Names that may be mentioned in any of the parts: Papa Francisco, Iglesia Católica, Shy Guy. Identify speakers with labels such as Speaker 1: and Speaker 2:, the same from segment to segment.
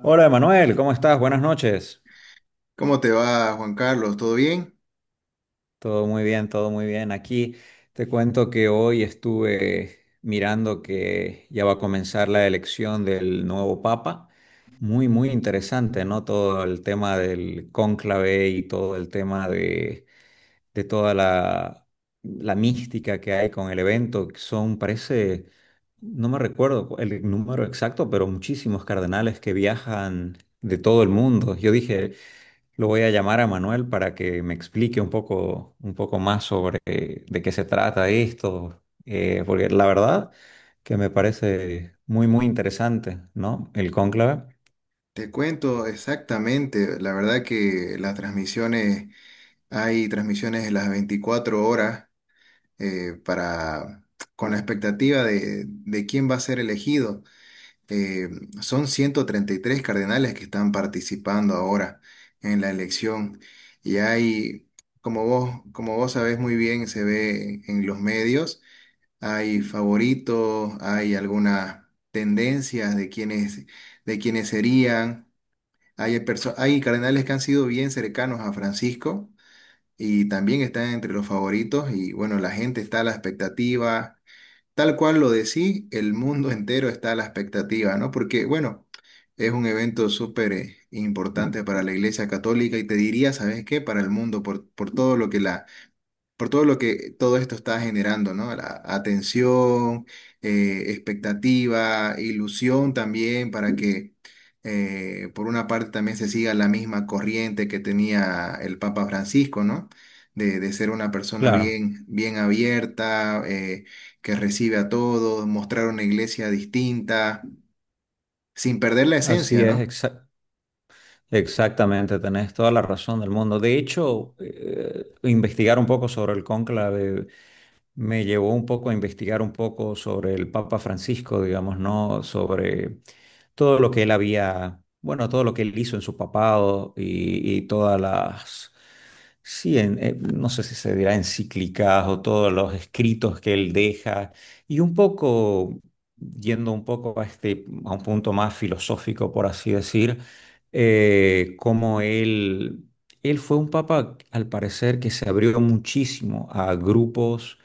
Speaker 1: Hola, Emanuel, ¿cómo estás? Buenas noches.
Speaker 2: ¿Cómo te va, Juan Carlos? ¿Todo bien?
Speaker 1: Todo muy bien, todo muy bien. Aquí te cuento que hoy estuve mirando que ya va a comenzar la elección del nuevo Papa. Muy, muy interesante, ¿no? Todo el tema del cónclave y todo el tema de toda la mística que hay con el evento. Que Son, parece, no me recuerdo el número exacto, pero muchísimos cardenales que viajan de todo el mundo. Yo dije, lo voy a llamar a Manuel para que me explique un poco más sobre de qué se trata esto, porque la verdad que me parece muy, muy interesante, ¿no? El cónclave.
Speaker 2: Te cuento exactamente, la verdad que las transmisiones, hay transmisiones en las 24 horas para, con la expectativa de quién va a ser elegido. Eh, son 133 cardenales que están participando ahora en la elección y hay, como vos sabés muy bien, se ve en los medios, hay favoritos, hay algunas tendencias de quienes serían. Hay, hay cardenales que han sido bien cercanos a Francisco y también está entre los favoritos y bueno, la gente está a la expectativa, tal cual lo decís, el mundo entero está a la expectativa, ¿no? Porque bueno, es un evento súper importante para la Iglesia Católica y te diría, ¿sabes qué? Para el mundo, por todo lo que la por todo lo que todo esto está generando, ¿no? La atención, expectativa, ilusión también para que por una parte también se siga la misma corriente que tenía el Papa Francisco, ¿no? De ser una persona
Speaker 1: Claro,
Speaker 2: bien, bien abierta, que recibe a todos, mostrar una iglesia distinta, sin perder la
Speaker 1: así
Speaker 2: esencia,
Speaker 1: es,
Speaker 2: ¿no?
Speaker 1: exactamente, tenés toda la razón del mundo. De hecho, investigar un poco sobre el cónclave me llevó un poco a investigar un poco sobre el Papa Francisco, digamos, ¿no? Sobre todo lo que él había, bueno, todo lo que él hizo en su papado y todas las, sí, no sé si se dirá encíclicas o todos los escritos que él deja, y un poco, yendo un poco a este, a un punto más filosófico, por así decir, cómo él fue un papa, al parecer, que se abrió muchísimo a grupos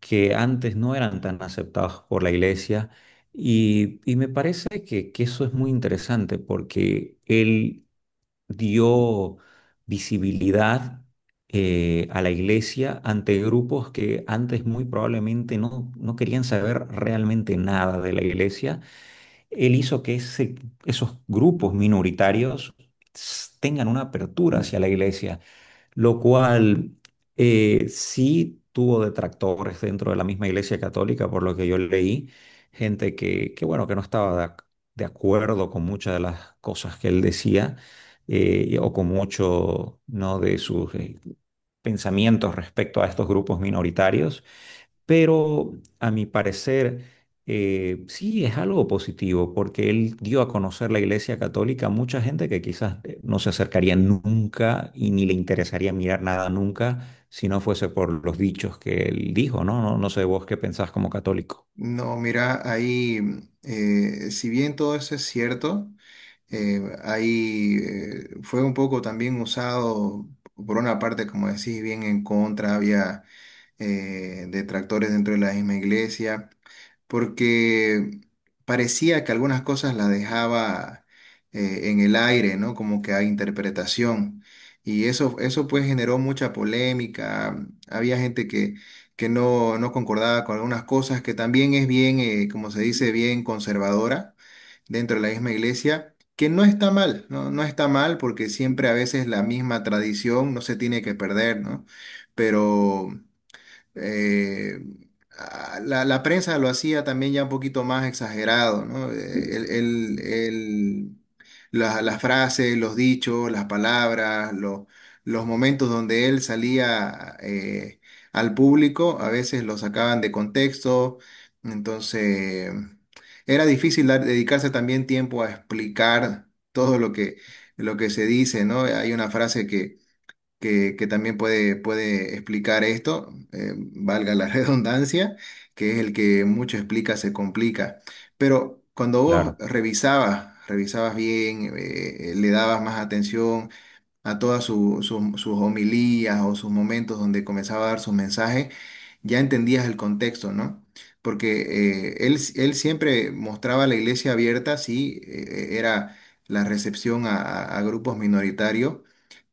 Speaker 1: que antes no eran tan aceptados por la iglesia. Y me parece que eso es muy interesante porque él dio visibilidad a la iglesia ante grupos que antes muy probablemente no querían saber realmente nada de la iglesia. Él hizo que esos grupos minoritarios tengan una apertura hacia la iglesia, lo cual sí tuvo detractores dentro de la misma Iglesia Católica, por lo que yo leí, gente que bueno, que no estaba de acuerdo con muchas de las cosas que él decía, o con mucho, ¿no? de sus pensamientos respecto a estos grupos minoritarios. Pero a mi parecer, sí es algo positivo, porque él dio a conocer la Iglesia Católica a mucha gente que quizás no se acercaría nunca y ni le interesaría mirar nada nunca si no fuese por los dichos que él dijo, ¿no? No, no sé vos qué pensás como católico.
Speaker 2: No, mira, ahí, si bien todo eso es cierto. Ahí fue un poco también usado, por una parte, como decís, bien en contra, había detractores dentro de la misma iglesia, porque parecía que algunas cosas las dejaba en el aire, ¿no? Como que hay interpretación. Y eso pues generó mucha polémica. Había gente que no, no concordaba con algunas cosas, que también es bien, como se dice, bien conservadora dentro de la misma iglesia, que no está mal, ¿no? No está mal porque siempre a veces la misma tradición no se tiene que perder, ¿no? Pero eh, la, la prensa lo hacía también ya un poquito más exagerado, ¿no? El, las frases, los dichos, las palabras, los momentos donde él salía al público, a veces lo sacaban de contexto, entonces era difícil dedicarse también tiempo a explicar todo lo que se dice, ¿no? Hay una frase que también puede, puede explicar esto, valga la redundancia, que es el que mucho explica se complica. Pero cuando vos
Speaker 1: Claro,
Speaker 2: revisabas, revisabas bien, le dabas más atención a todas sus homilías o sus momentos donde comenzaba a dar sus mensajes, ya entendías el contexto, ¿no? Porque él, él siempre mostraba la iglesia abierta, sí, era la recepción a a grupos minoritarios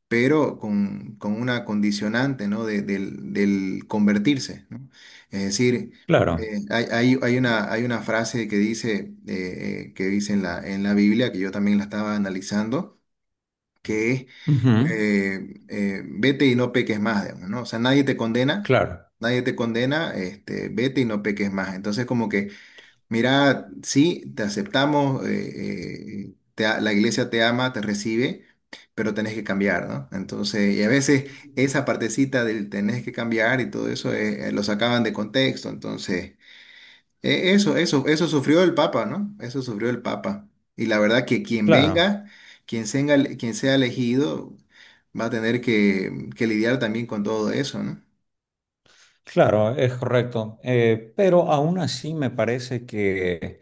Speaker 2: pero con una condicionante, ¿no? Del, del convertirse, ¿no? Es decir,
Speaker 1: claro,
Speaker 2: hay, hay una frase que dice en la Biblia, que yo también la estaba analizando, que es,
Speaker 1: ujú,
Speaker 2: vete y no peques más, digamos, ¿no? O sea, nadie te condena,
Speaker 1: claro,
Speaker 2: nadie te condena, este, vete y no peques más. Entonces, como que mira, sí, te aceptamos, la iglesia te ama, te recibe, pero tenés que cambiar, ¿no? Entonces, y a veces esa partecita del tenés que cambiar y todo eso lo sacaban de contexto. Entonces, eso, eso, eso sufrió el Papa, ¿no? Eso sufrió el Papa. Y la verdad que quien
Speaker 1: claro.
Speaker 2: venga, quien sea, quien sea elegido, va a tener que lidiar también con todo eso, ¿no?
Speaker 1: Claro, es correcto. Pero aún así me parece que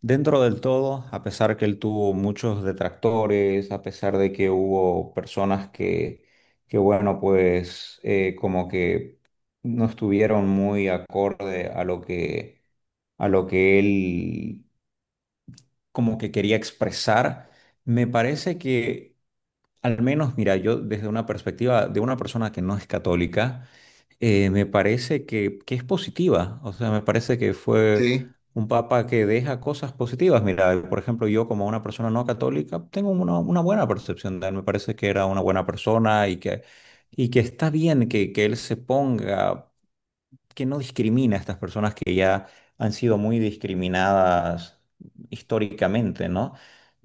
Speaker 1: dentro del todo, a pesar que él tuvo muchos detractores, a pesar de que hubo personas que bueno, pues como que no estuvieron muy acorde a lo que él como que quería expresar, me parece que al menos, mira, yo desde una perspectiva de una persona que no es católica, me parece que es positiva. O sea, me parece que fue
Speaker 2: Sí,
Speaker 1: un papa que deja cosas positivas. Mira, por ejemplo, yo como una persona no católica tengo una buena percepción de él. Me parece que era una buena persona y que está bien que él se ponga, que no discrimina a estas personas que ya han sido muy discriminadas históricamente, ¿no?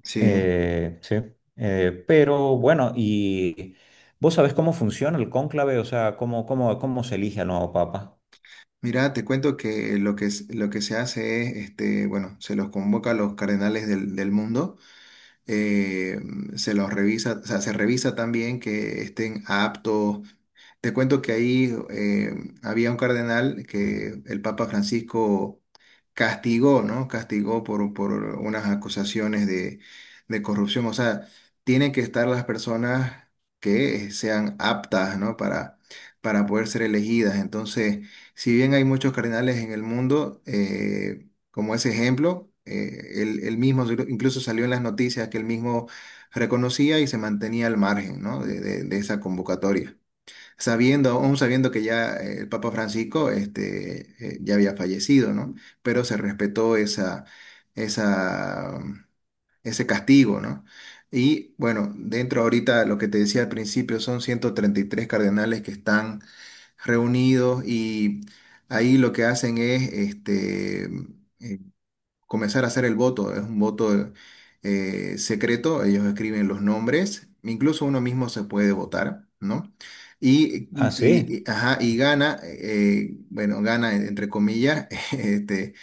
Speaker 2: sí.
Speaker 1: Sí, pero bueno, ¿y vos sabés cómo funciona el cónclave? O sea, ¿cómo se elige al nuevo papa?
Speaker 2: Mira, te cuento que lo que, lo que se hace es, este, bueno, se los convoca a los cardenales del, del mundo, eh, se los revisa, o sea, se revisa también que estén aptos. Te cuento que ahí había un cardenal que el Papa Francisco castigó, ¿no? Castigó por unas acusaciones de corrupción. O sea, tienen que estar las personas que sean aptas, ¿no? Para poder ser elegidas. Entonces, si bien hay muchos cardenales en el mundo, como ese ejemplo, él, él mismo incluso salió en las noticias que él mismo reconocía y se mantenía al margen, ¿no? de de esa convocatoria sabiendo, aún sabiendo que ya el Papa Francisco este, ya había fallecido, ¿no? Pero se respetó esa, esa, ese castigo, ¿no? Y bueno, dentro ahorita, lo que te decía al principio, son 133 cardenales que están reunidos y ahí lo que hacen es este, eh, comenzar a hacer el voto. Es un voto secreto, ellos escriben los nombres, incluso uno mismo se puede votar, ¿no? Y,
Speaker 1: Ah, sí,
Speaker 2: ajá, y gana, bueno, gana entre comillas, este,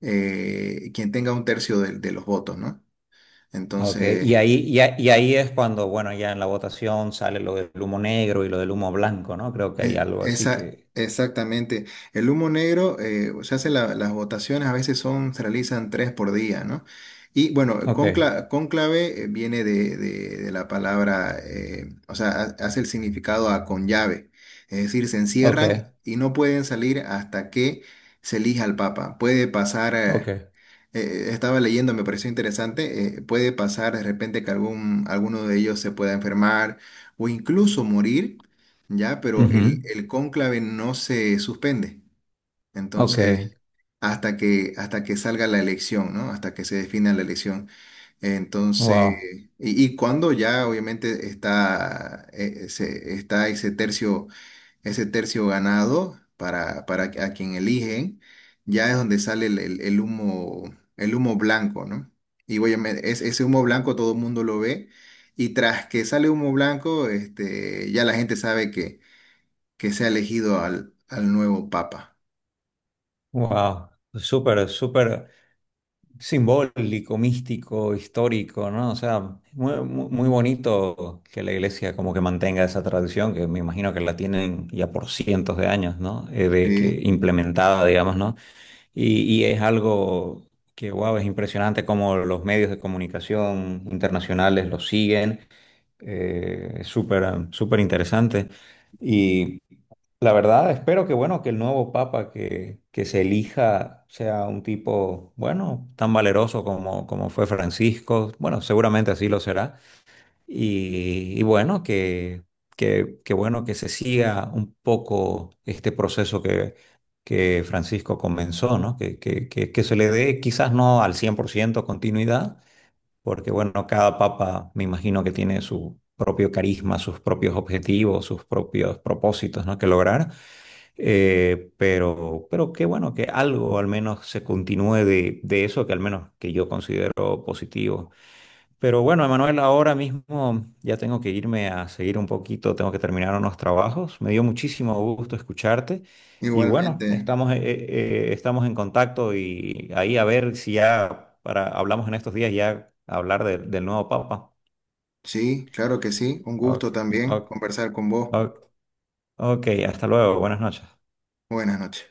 Speaker 2: quien tenga un tercio de los votos, ¿no?
Speaker 1: ok.
Speaker 2: Entonces,
Speaker 1: Y ahí es cuando, bueno, ya en la votación sale lo del humo negro y lo del humo blanco, ¿no? Creo que hay algo así
Speaker 2: Esa,
Speaker 1: que...
Speaker 2: exactamente. El humo negro, se hace las votaciones, a veces son, se realizan tres por día, ¿no? Y bueno,
Speaker 1: Ok,
Speaker 2: cónclave viene de, de la palabra, o sea, hace el significado a con llave. Es decir, se
Speaker 1: ok,
Speaker 2: encierran y no pueden salir hasta que se elija al Papa. Puede pasar,
Speaker 1: ok.
Speaker 2: estaba leyendo, me pareció interesante, puede pasar de repente que algún, alguno de ellos se pueda enfermar o incluso morir ya, pero
Speaker 1: Ujú,
Speaker 2: el cónclave no se suspende.
Speaker 1: ok,
Speaker 2: Entonces, hasta que salga la elección, ¿no? Hasta que se defina la elección. Entonces,
Speaker 1: wow,
Speaker 2: y cuando ya obviamente está, está ese tercio ganado para a quien eligen, ya es donde sale el, el humo blanco, ¿no? Y obviamente, es, ese humo blanco todo el mundo lo ve. Y tras que sale humo blanco, este, ya la gente sabe que sea elegido al, al nuevo Papa.
Speaker 1: wow. Súper, súper simbólico, místico, histórico, ¿no? O sea, muy bonito que la iglesia como que mantenga esa tradición, que me imagino que la tienen ya por cientos de años, ¿no? De que
Speaker 2: Sí,
Speaker 1: implementada, digamos, ¿no? Y es algo que, wow, es impresionante cómo los medios de comunicación internacionales lo siguen, es súper, súper interesante. Y la verdad, espero que, bueno, que el nuevo papa que se elija sea un tipo, bueno, tan valeroso como fue Francisco. Bueno, seguramente así lo será. Y bueno, que bueno, que se siga un poco este proceso que Francisco comenzó, ¿no? Que se le dé quizás no al 100% continuidad porque bueno, cada papa me imagino que tiene su propio carisma, sus propios objetivos, sus propios propósitos, ¿no? que lograr. Pero qué bueno que algo al menos se continúe de eso que al menos que yo considero positivo. Pero bueno, Emanuel, ahora mismo ya tengo que irme a seguir un poquito, tengo que terminar unos trabajos. Me dio muchísimo gusto escucharte y bueno,
Speaker 2: igualmente.
Speaker 1: estamos en contacto y ahí a ver si ya para, hablamos en estos días ya hablar del nuevo Papa.
Speaker 2: Sí, claro que sí. Un
Speaker 1: Ok,
Speaker 2: gusto también
Speaker 1: ok,
Speaker 2: conversar con vos.
Speaker 1: ok, ok, hasta luego, buenas noches.
Speaker 2: Buenas noches.